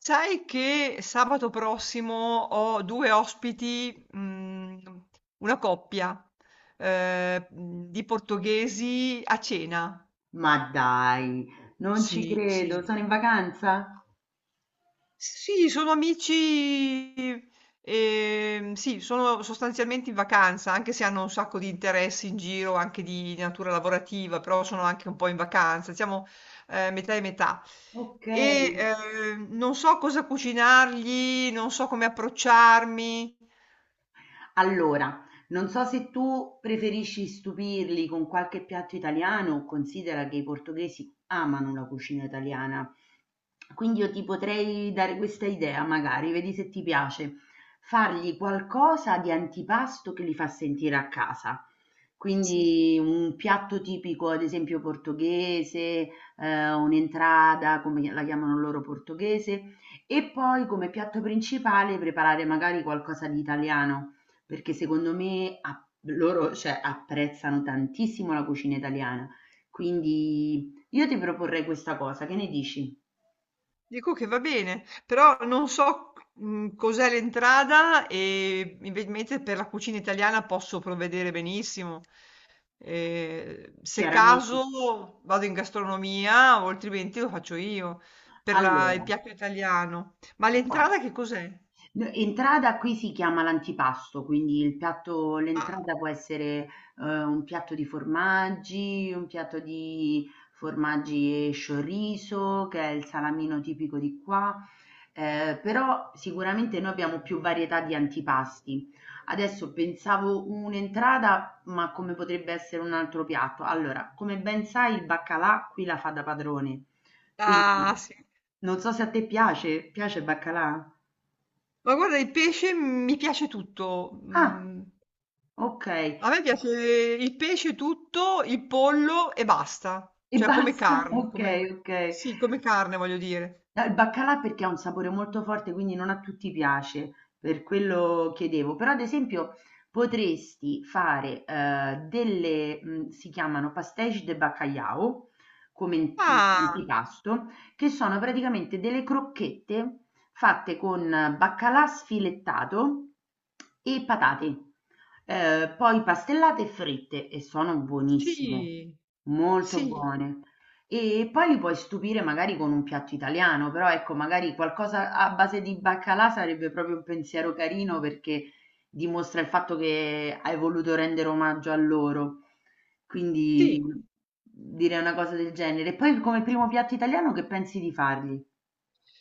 Sai che sabato prossimo ho 2 ospiti, mhmm, una coppia, di portoghesi a cena. Ma dai, non ci Sì, credo, sono sì. in vacanza? Sì, sono amici, sì, sono sostanzialmente in vacanza, anche se hanno un sacco di interessi in giro, anche di natura lavorativa, però sono anche un po' in vacanza, siamo metà e metà. Ok. E non so cosa cucinargli, non so come approcciarmi. Allora, non so se tu preferisci stupirli con qualche piatto italiano, considera che i portoghesi amano la cucina italiana. Quindi io ti potrei dare questa idea, magari, vedi se ti piace. Fargli qualcosa di antipasto che li fa sentire a casa. Sì. Quindi un piatto tipico, ad esempio portoghese, un'entrata, come la chiamano loro portoghese, e poi come piatto principale preparare magari qualcosa di italiano, perché secondo me loro, cioè, apprezzano tantissimo la cucina italiana. Quindi io ti proporrei questa cosa, che ne dici? Dico che va bene, però non so cos'è l'entrada e invece per la cucina italiana posso provvedere benissimo. Se Chiaramente. caso vado in gastronomia o altrimenti lo faccio io il Allora, piatto italiano. Ma guarda, l'entrata che cos'è? N entrata qui si chiama l'antipasto, quindi il piatto Ah, l'entrata può essere, un piatto di formaggi, un piatto di formaggi e sciorriso, che è il salamino tipico di qua. Però sicuramente noi abbiamo più varietà di antipasti. Adesso pensavo un'entrata, ma come potrebbe essere un altro piatto. Allora, come ben sai, il baccalà qui la fa da padrone, quindi ah, sì. non so se a te piace, piace il baccalà? Ma guarda, il pesce mi piace tutto. Ah! Okay. A me piace il pesce tutto, il pollo e basta. E Cioè come basta? carne, Okay, come... okay. Sì, come carne voglio dire. No, il baccalà perché ha un sapore molto forte, quindi non a tutti piace, per quello chiedevo. Però ad esempio potresti fare, delle, si chiamano pastéis de bacalhau, come in Ah, antipasto, che sono praticamente delle crocchette fatte con baccalà sfilettato e patate, poi pastellate e fritte e sono buonissime, sì, molto sì, buone. E poi li puoi stupire magari con un piatto italiano, però ecco, magari qualcosa a base di baccalà sarebbe proprio un pensiero carino perché dimostra il fatto che hai voluto rendere omaggio a loro. Quindi sì. direi una cosa del genere. E poi come primo piatto italiano che pensi di fargli?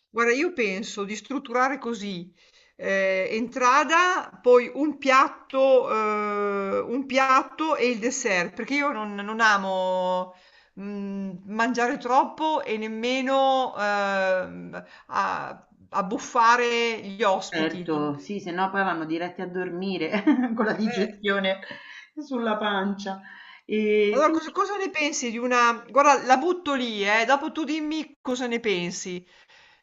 Guarda, io penso di strutturare così, entrata, poi un piatto e il dessert, perché io non amo mangiare troppo e nemmeno abbuffare gli ospiti. Certo, sì, se no poi vanno diretti a dormire con la Eh, digestione sulla pancia. E allora, quindi cosa ne pensi di una... Guarda, la butto lì, dopo tu dimmi cosa ne pensi.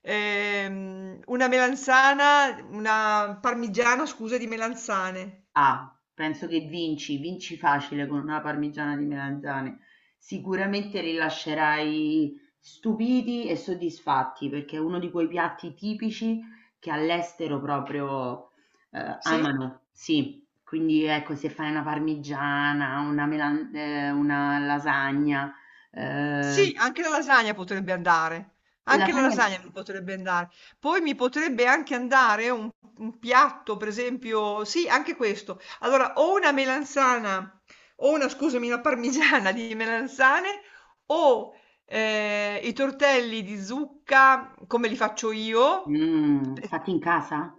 Una parmigiana, scusa, di melanzane. Ah, penso che vinci, vinci facile con una parmigiana di melanzane. Sicuramente li lascerai stupiti e soddisfatti perché è uno di quei piatti tipici che all'estero proprio Sì, amano. Sì, quindi ecco, se fai una parmigiana, una lasagna, eh, sì, anche la lasagna potrebbe andare, anche la lasagne lasagna mi potrebbe andare. Poi mi potrebbe anche andare un piatto, per esempio, sì, anche questo. Allora, o una melanzana, o una, scusami, una parmigiana di melanzane, o i tortelli di zucca, come li faccio io, fatte in casa?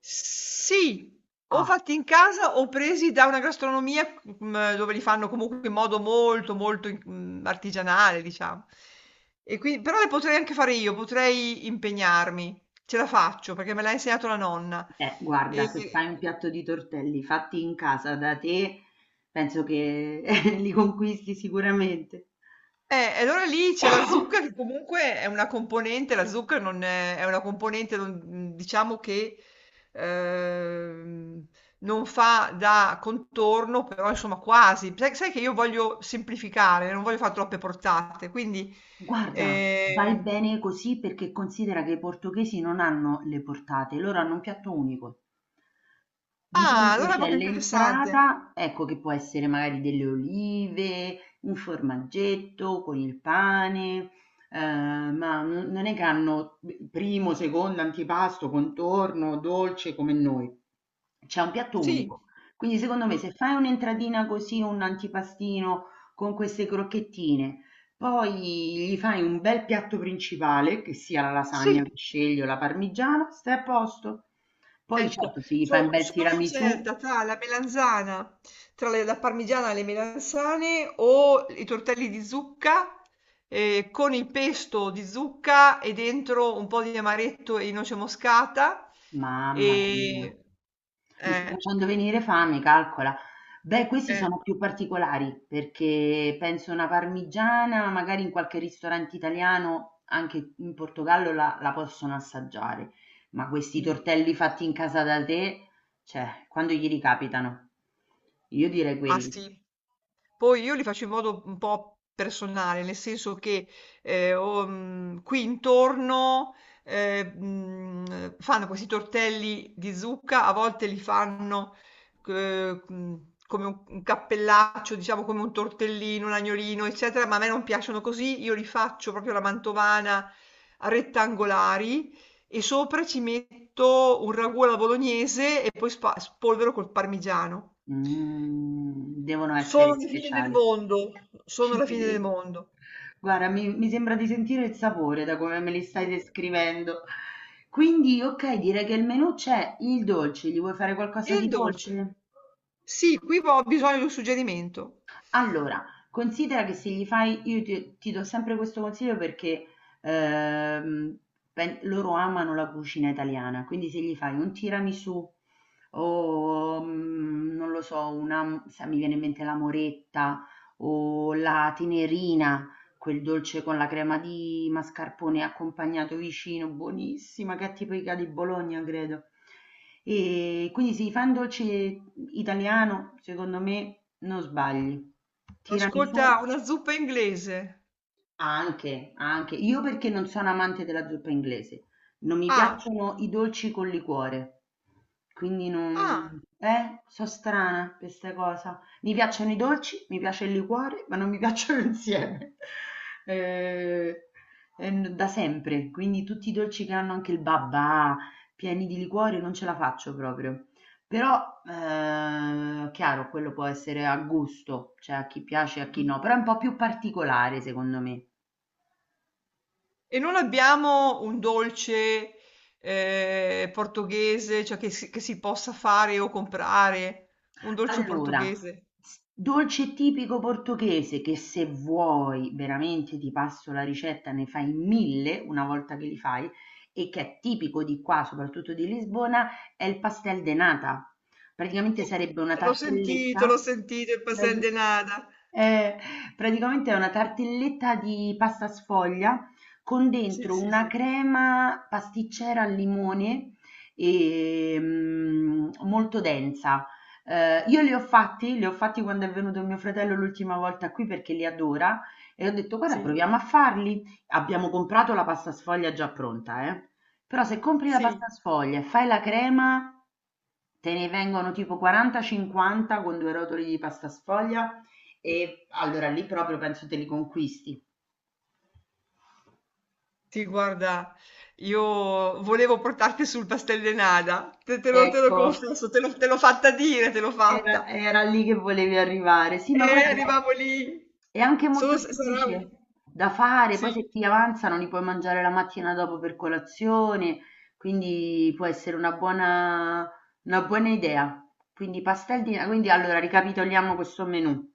Sì, o Ah, fatti in casa o presi da una gastronomia, mhmm, dove li fanno comunque in modo molto, molto, artigianale diciamo. E qui però le potrei anche fare io, potrei impegnarmi. Ce la faccio perché me l'ha insegnato la nonna. Guarda, E se fai un piatto di tortelli fatti in casa da te, penso che li conquisti sicuramente. E allora lì c'è la zucca che comunque è una componente, la zucca non è, è una componente, diciamo che ehm, non fa da contorno, però insomma quasi. Sai che io voglio semplificare, non voglio fare troppe portate, quindi... Guarda, vai ehm, bene così perché considera che i portoghesi non hanno le portate, loro hanno un piatto unico. Di Ah, solito allora è c'è proprio interessante. l'entrata, ecco che può essere magari delle olive, un formaggetto con il pane, ma non è che hanno primo, secondo, antipasto, contorno, dolce come noi. C'è un piatto Sì, unico. Quindi secondo me Mm, se fai un'entradina così, un antipastino con queste crocchettine, poi gli fai un bel piatto principale, che sia la lasagna, sì. il scegli o la parmigiana, stai a posto. Poi Ecco, certo se gli fai un bel sono tiramisù, incerta tra la melanzana, la parmigiana e le melanzane o i tortelli di zucca con il pesto di zucca e dentro un po' di amaretto e di noce moscata. mamma mia, E, mi sta eh, facendo venire fame, calcola. Beh, questi eh, sono più particolari perché penso una parmigiana, magari in qualche ristorante italiano, anche in Portogallo la possono assaggiare, ma questi mm. tortelli fatti in casa da te, cioè, quando gli ricapitano? Io direi Ah quelli. sì, Poi io li faccio in modo un po' personale, nel senso che ho qui intorno fanno questi tortelli di zucca, a volte li fanno eh, mh, come un cappellaccio, diciamo come un tortellino, un agnolino, eccetera, ma a me non piacciono così, io li faccio proprio alla mantovana a rettangolari e sopra ci metto un ragù alla bolognese e poi spolvero col parmigiano. Mhmm, Devono essere Sono la fine del speciali. mondo, sono Ci la fine del credo. mondo. Guarda, mi sembra di sentire il sapore da come me li stai Mh. descrivendo. Quindi, okay, direi che il menù c'è, il dolce, gli vuoi fare E qualcosa il di dolce? dolce? Sì, qui ho bisogno di un suggerimento. Allora, considera che se gli fai io ti do sempre questo consiglio, perché, ehm, pen loro amano la cucina italiana, quindi se gli fai un tiramisù o, non lo so, sai, mi viene in mente la moretta o la tenerina. Quel dolce con la crema di mascarpone accompagnato vicino, buonissima, che è tipica di Bologna, credo. E quindi sì, fai un dolce italiano, secondo me non sbagli. Ascolta, Tiramisù una zuppa inglese. anche, anche. Io perché non sono amante della zuppa inglese, non mi Ah, piacciono i dolci col liquore, quindi ah. non... So strana per questa cosa. Mi piacciono i dolci, mi piace il liquore, ma non mi piacciono insieme. Eh, da sempre, quindi tutti i dolci che hanno anche il babà, pieni di liquore, non ce la faccio proprio. Però, chiaro, quello può essere a gusto, cioè a chi piace e a chi Mh. no, però è un po' più particolare secondo me. E non abbiamo un dolce, portoghese, cioè che si possa fare o comprare? Un dolce Allora, portoghese? s dolce tipico portoghese che se vuoi veramente ti passo la ricetta, ne fai 1000 una volta che li fai, e che è tipico di qua, soprattutto di Lisbona, è il pastel de nata. Praticamente sarebbe una Sì, l'ho tartelletta. sentito, il l'hai pastel vi- de nata. eh, praticamente è una tartelletta di pasta sfoglia con Sì, dentro sì, una sì, crema pasticcera al limone e, molto densa. Io li ho fatti quando è venuto mio fratello l'ultima volta qui perché li adora, e ho detto guarda sì, proviamo a farli. Abbiamo comprato la pasta sfoglia già pronta, eh. Però se compri la sì. pasta sfoglia e fai la crema, te ne vengono tipo 40-50 con due rotoli di pasta sfoglia, e allora lì proprio penso te li conquisti. Sì, guarda, io volevo portarti sul pastel de nata, te lo Ecco, confesso, te l'ho fatta dire, te l'ho Era fatta. era lì che volevi arrivare. Sì, E ma guarda, arrivavo lì. è anche molto Solo se sarà un... semplice da fare, poi Sì, se ti avanzano li puoi mangiare la mattina dopo per colazione, quindi può essere una buona, idea. Quindi allora ricapitoliamo questo menù.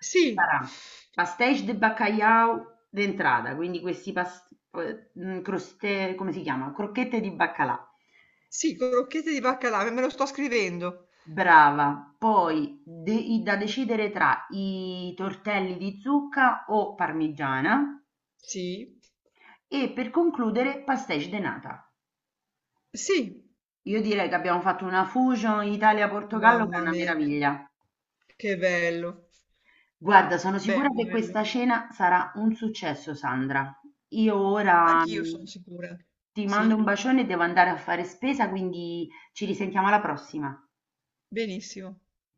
sì, Sarà pastéis de bacalhau d'entrata, quindi questi croste, come si chiama? Crocchette di baccalà. sì, crocchette di baccalà, me lo sto scrivendo. Brava, poi da decidere tra i tortelli di zucca o parmigiana Sì, e per concludere pastéis de nata. sì, Io direi che abbiamo fatto una fusion Italia-Portogallo che è mamma una mia, meraviglia. che bello. Guarda, sono sicura Bello, che bello. questa cena sarà un successo, Sandra. Io ora Anch'io sono sicura. ti mando Sì, un bacione, e devo andare a fare spesa, quindi ci risentiamo alla prossima. benissimo.